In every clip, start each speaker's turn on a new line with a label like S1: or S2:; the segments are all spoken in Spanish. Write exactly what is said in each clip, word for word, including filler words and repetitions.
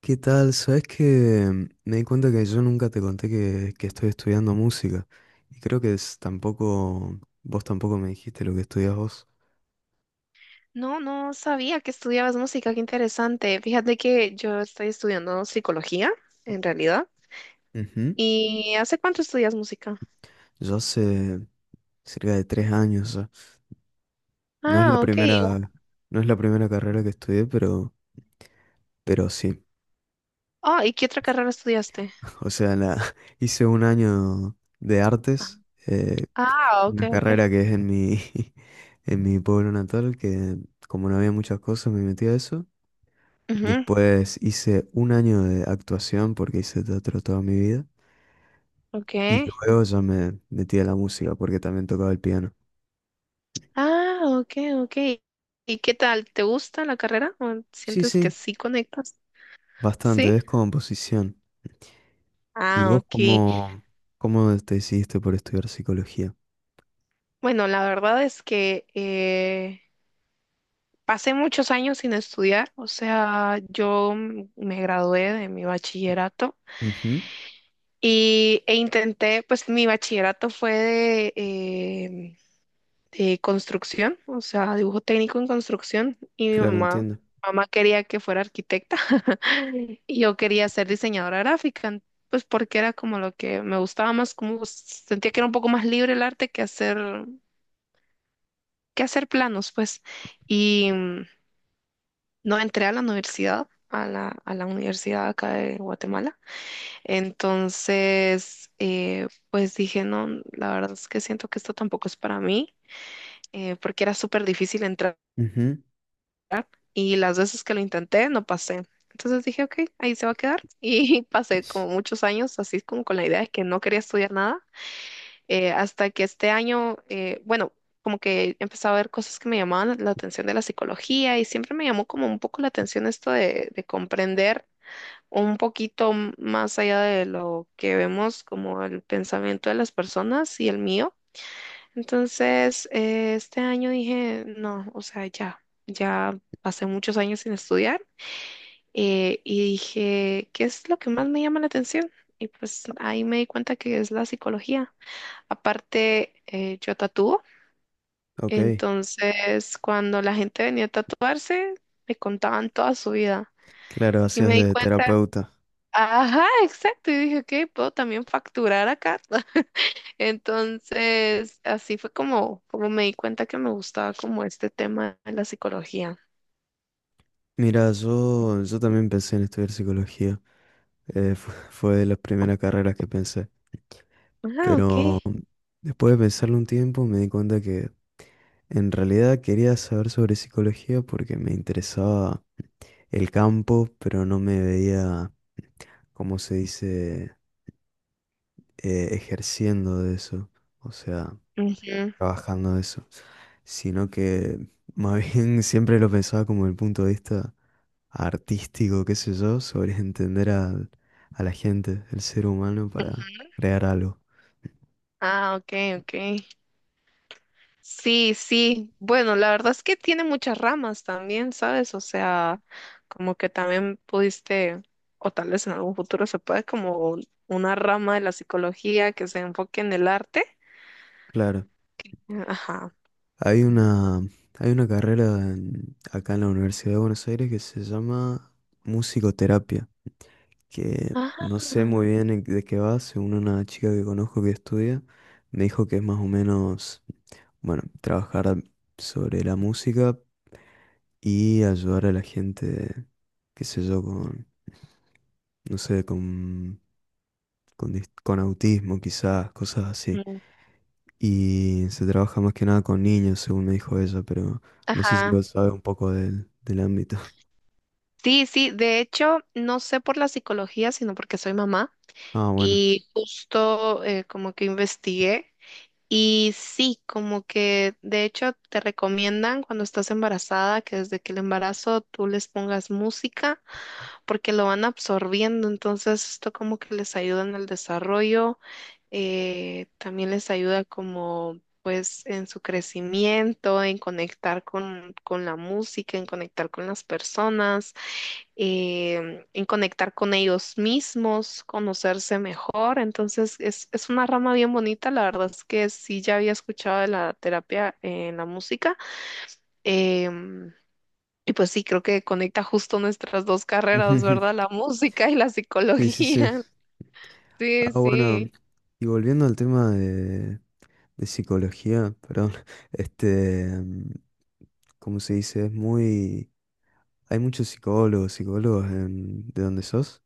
S1: ¿Qué tal? Sabes que me di cuenta que yo nunca te conté que, que estoy estudiando música y creo que es- tampoco, vos tampoco me dijiste lo que estudias vos.
S2: No, no sabía que estudiabas música, qué interesante. Fíjate que yo estoy estudiando psicología, en realidad.
S1: Ujú.
S2: ¿Y hace cuánto estudias música?
S1: Yo hace cerca de tres años ya. No es la
S2: Ah, ok.
S1: primera, no es la primera carrera que estudié, pero, pero sí.
S2: Ah, ¿y qué otra carrera estudiaste?
S1: O sea, la, hice un año de artes, eh,
S2: Ah, ok,
S1: una
S2: ok.
S1: carrera que es en mi, en mi pueblo natal, que como no había muchas cosas me metí a eso.
S2: Ujú,
S1: Después hice un año de actuación porque hice teatro toda mi vida.
S2: ok.
S1: Y luego ya me metí a la música porque también tocaba el piano.
S2: Ah, ok, ok. ¿Y qué tal? ¿Te gusta la carrera? ¿O
S1: Sí,
S2: sientes que
S1: sí,
S2: sí conectas? Sí.
S1: bastante, es composición. ¿Y
S2: Ah,
S1: vos
S2: ok.
S1: cómo, cómo te decidiste por estudiar psicología?
S2: Bueno, la verdad es que eh, pasé muchos años sin estudiar, o sea, yo m- me gradué de mi bachillerato
S1: Ujú.
S2: y, e intenté, pues mi bachillerato fue de, eh, de construcción, o sea, dibujo técnico en construcción y mi
S1: Claro,
S2: mamá,
S1: entiendo.
S2: mamá quería que fuera arquitecta y yo quería ser diseñadora gráfica, en- pues porque era como lo que me gustaba más, como s- sentía que era un poco más libre el arte que hacer, que hacer planos, pues. Y... No entré a la universidad, a la, a la universidad acá de Guatemala. Entonces, eh, pues dije, no, la verdad es que siento que esto tampoco es para mí, eh, porque era súper difícil entrar
S1: Ujú.
S2: y las veces que lo intenté no pasé. Entonces dije, ok, ahí se va a quedar. Y pasé como muchos años así como con la idea de que no quería estudiar nada, eh, hasta que este año, eh, bueno, como que empecé a ver cosas que me llamaban la atención de la psicología y siempre me llamó como un poco la atención esto de de comprender. Un poquito m- más allá de lo que vemos como el pensamiento de las personas y el mío. Entonces, eh, este año dije, no, o sea, ya, ya pasé muchos años sin estudiar eh, y dije, ¿qué es lo que más me llama la atención? Y pues ahí me di cuenta que es la psicología. Aparte, eh, yo tatúo,
S1: Ok,
S2: entonces cuando la gente venía a tatuarse, me contaban toda su vida.
S1: claro,
S2: Y
S1: hacías
S2: me di
S1: de
S2: cuenta,
S1: terapeuta.
S2: ajá, exacto. Y dije, ok, puedo también facturar acá. Entonces, así fue como, como me di cuenta que me gustaba como este tema de la psicología.
S1: Mira, yo, yo también pensé en estudiar psicología. Eh, fu- fue de las primeras carreras que pensé.
S2: Ah, ok.
S1: Pero después de pensarlo un tiempo, me di cuenta que en realidad quería saber sobre psicología porque me interesaba el campo, pero no me veía, como se dice, eh, ejerciendo de eso, o sea,
S2: Ujú.
S1: trabajando de eso, sino que más bien siempre lo pensaba como el punto de vista artístico, qué sé yo, sobre entender al- a la gente, el ser humano para crear algo.
S2: Ah, ok, ok. Sí, sí. Bueno, la verdad es que tiene muchas ramas también, ¿sabes? O sea, como que también pudiste, o tal vez en algún futuro se puede como una rama de la psicología que se enfoque en el arte.
S1: Claro,
S2: Ajá.
S1: hay una, hay una carrera en- acá en la Universidad de Buenos Aires que se llama musicoterapia. Que no
S2: Ajá.
S1: sé muy bien en- de qué va. Según una chica que conozco que estudia, me dijo que es más o menos, bueno, trabajar sobre la música y ayudar a la gente, qué sé yo, con, no sé, con, con, dis- con autismo quizás, cosas así.
S2: Mm.
S1: Y se trabaja más que nada con niños, según me dijo ella, pero no sé si
S2: Ajá.
S1: vos sabes un poco del, del ámbito.
S2: Sí, sí, de hecho, no sé por la psicología, sino porque soy mamá
S1: Ah, bueno.
S2: y justo eh, como que investigué y sí, como que de hecho te recomiendan cuando estás embarazada que desde que el embarazo tú les pongas música porque lo van absorbiendo, entonces esto como que les ayuda en el desarrollo, eh, también les ayuda como pues en su crecimiento, en conectar con, con la música, en conectar con las personas eh, en conectar con ellos mismos, conocerse mejor. Entonces, es, es una rama bien bonita. La verdad es que sí, ya había escuchado de la terapia en la música. em, y pues sí, creo que conecta justo nuestras dos carreras, ¿verdad? La música y la
S1: Sí, sí, sí.
S2: psicología. Sí,
S1: Ah, bueno.
S2: sí.
S1: Y volviendo al tema de, de psicología, perdón, este, mm, ¿cómo se dice? Es muy... Hay muchos psicólogos, psicólogos en... ¿De dónde sos?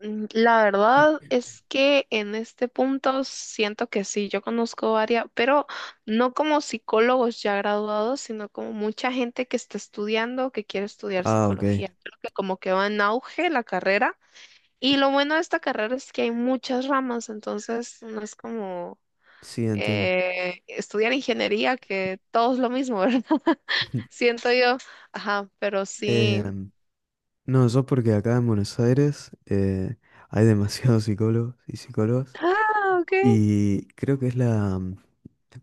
S2: Mm, la verdad es que en este punto siento que sí, yo conozco varias, pero no como psicólogos ya graduados, sino como mucha gente que está estudiando, que quiere estudiar
S1: Ah, ok.
S2: psicología. Creo que como que va en auge la carrera. Y lo bueno de esta carrera es que hay muchas ramas, entonces no es como
S1: Sí, entiendo.
S2: eh, estudiar ingeniería, que todo es lo mismo, ¿verdad? Siento yo, ajá, pero
S1: Eh,
S2: sí.
S1: no, yo porque acá en Buenos Aires eh, hay demasiados psicólogos y psicólogas
S2: Ah, ok.
S1: y creo que es la, mm,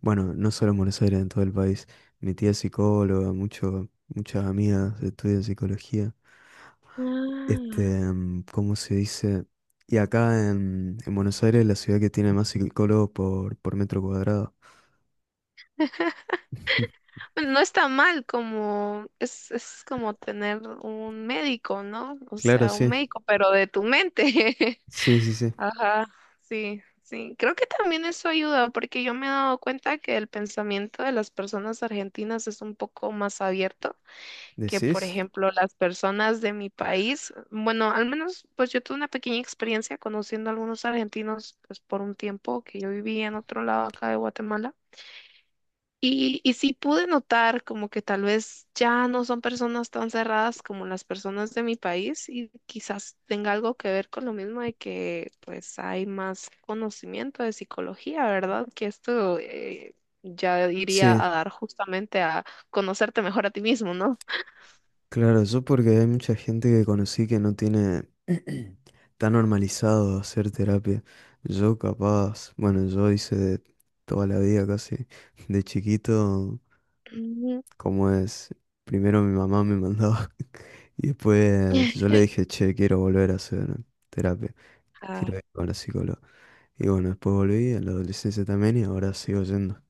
S1: bueno, no solo en Buenos Aires, en todo el país. Mi tía es psicóloga, mucho, muchas amigas estudian psicología. Este,
S2: Ah.
S1: em, ¿cómo se dice? Y acá en, en Buenos Aires, es la ciudad que tiene más psicólogos por, por metro cuadrado.
S2: Bueno, no está mal como, es, es como tener un médico, ¿no? O
S1: Claro,
S2: sea, un
S1: sí.
S2: médico, pero de tu mente.
S1: Sí, sí, sí.
S2: Ajá, sí, sí. Creo que también eso ayuda, porque yo me he dado cuenta que el pensamiento de las personas argentinas es un poco más abierto que,
S1: ¿Decís?
S2: por ejemplo, las personas de mi país. Bueno, al menos, pues yo tuve una pequeña experiencia conociendo a algunos argentinos, pues por un tiempo que yo vivía en otro lado acá de Guatemala. Y, y sí pude notar como que tal vez ya no son personas tan cerradas como las personas de mi país y quizás tenga algo que ver con lo mismo de que pues hay más conocimiento de psicología, ¿verdad? Que esto eh, ya iría
S1: Sí,
S2: a dar justamente a conocerte mejor a ti mismo, ¿no?
S1: claro, yo porque hay mucha gente que conocí que no tiene tan normalizado hacer terapia. Yo capaz, bueno, yo hice de toda la vida casi, de chiquito.
S2: Ujú.
S1: ¿Cómo es? Primero mi mamá me mandaba y después yo le dije, che, quiero volver a hacer terapia,
S2: Ah,
S1: quiero ir con la psicóloga. Y bueno, después volví a la adolescencia también y ahora sigo yendo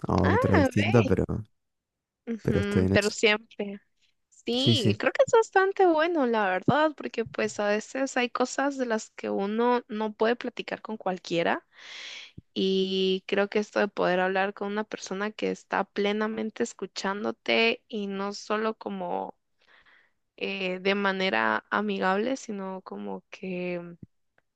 S1: a otra
S2: ah,
S1: distinta,
S2: ve.
S1: pero, pero estoy
S2: Ujú,
S1: en
S2: pero
S1: eso.
S2: siempre.
S1: Sí,
S2: Sí,
S1: sí,
S2: creo que es bastante bueno, la verdad, porque pues a veces hay cosas de las que uno no puede platicar con cualquiera y creo que esto de poder hablar con una persona que está plenamente escuchándote y no solo como eh, de manera amigable, sino como que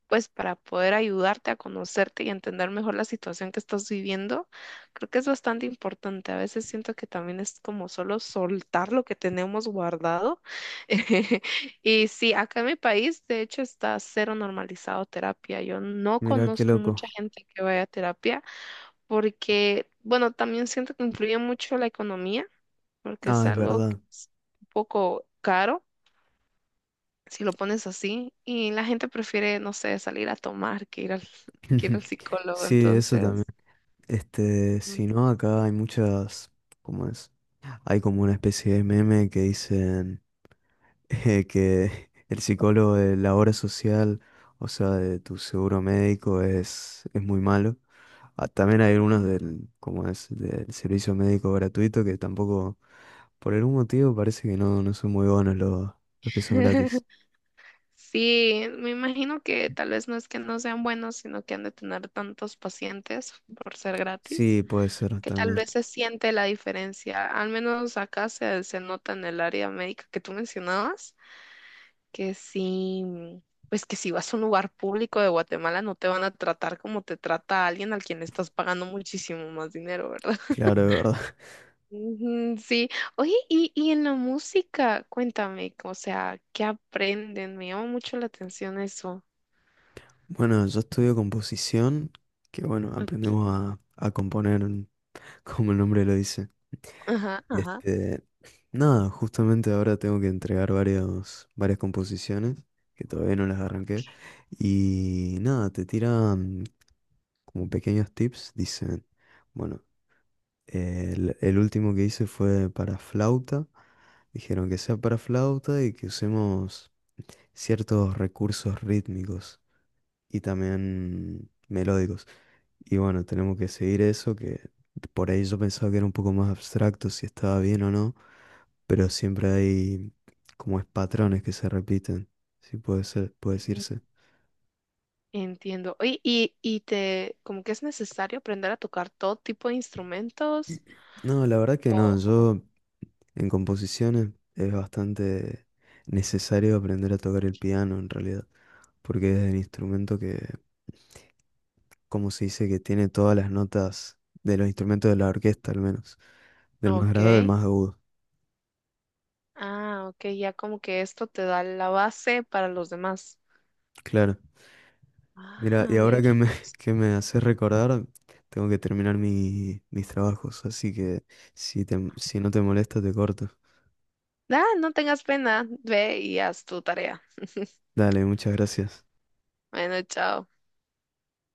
S2: pues para poder ayudarte a conocerte y entender mejor la situación que estás viviendo, creo que es bastante importante. A veces siento que también es como solo soltar lo que tenemos guardado. Y sí, acá en mi país, de hecho, está cero normalizado terapia. Yo no
S1: mira qué
S2: conozco
S1: loco.
S2: mucha gente que vaya a terapia porque, bueno, también siento que influye mucho la economía, porque es
S1: Ah, es
S2: algo que
S1: verdad.
S2: es un poco caro si lo pones así, y la gente prefiere, no sé, salir a tomar que ir al, que ir al psicólogo,
S1: Sí, eso también.
S2: entonces,
S1: Este,
S2: mm,
S1: si no, acá hay muchas, ¿cómo es? Hay como una especie de meme que dice eh, que el psicólogo de la obra social, o sea, de tu seguro médico, es, es muy malo. Ah, también hay algunos del, como es, del servicio médico gratuito que tampoco, por algún motivo, parece que no, no son muy buenos los, los que son gratis.
S2: sí, me imagino que tal vez no es que no sean buenos, sino que han de tener tantos pacientes por ser gratis.
S1: Sí, puede ser
S2: Que tal
S1: también.
S2: vez se siente la diferencia. Al menos acá se, se nota en el área médica que tú mencionabas, que sí, pues que si vas a un lugar público de Guatemala no te van a tratar como te trata alguien al quien le estás pagando muchísimo más dinero, ¿verdad?
S1: Claro, de verdad.
S2: Ujú, sí, oye, y, y en la música, cuéntame, o sea, ¿qué aprenden? Me llama mucho la atención eso.
S1: Bueno, yo estudio composición, que bueno,
S2: Ok,
S1: aprendemos a, a componer, como el nombre lo dice.
S2: ajá,
S1: Y
S2: ajá.
S1: este, nada, justamente ahora tengo que entregar varios, varias composiciones que todavía no las arranqué. Y nada, te tiran como pequeños tips, dicen, bueno, el, el último que hice fue para flauta. Dijeron que sea para flauta y que usemos ciertos recursos rítmicos y también melódicos. Y bueno, tenemos que seguir eso, que por ahí yo pensaba que era un poco más abstracto si estaba bien o no, pero siempre hay como es patrones que se repiten, si puede ser, puede decirse.
S2: Entiendo. Oye, y, y te, como que es necesario aprender a tocar todo tipo de instrumentos.
S1: No, la verdad que no,
S2: O-
S1: yo en composiciones es bastante necesario aprender a tocar el piano en realidad, porque es el instrumento que, como se dice, que tiene todas las notas de los instrumentos de la orquesta al menos, del más
S2: Ok.
S1: grave al más agudo,
S2: Ah, ok, ya como que esto te da la base para los demás.
S1: claro. Mira, y
S2: Ah,
S1: ahora
S2: ve,
S1: que
S2: qué
S1: me,
S2: interesante.
S1: que me haces recordar, tengo que terminar mi- mis trabajos, así que si te- si no te molesta, te corto.
S2: Ah, no tengas pena, ve y haz tu tarea.
S1: Dale, muchas gracias.
S2: Bueno, chao.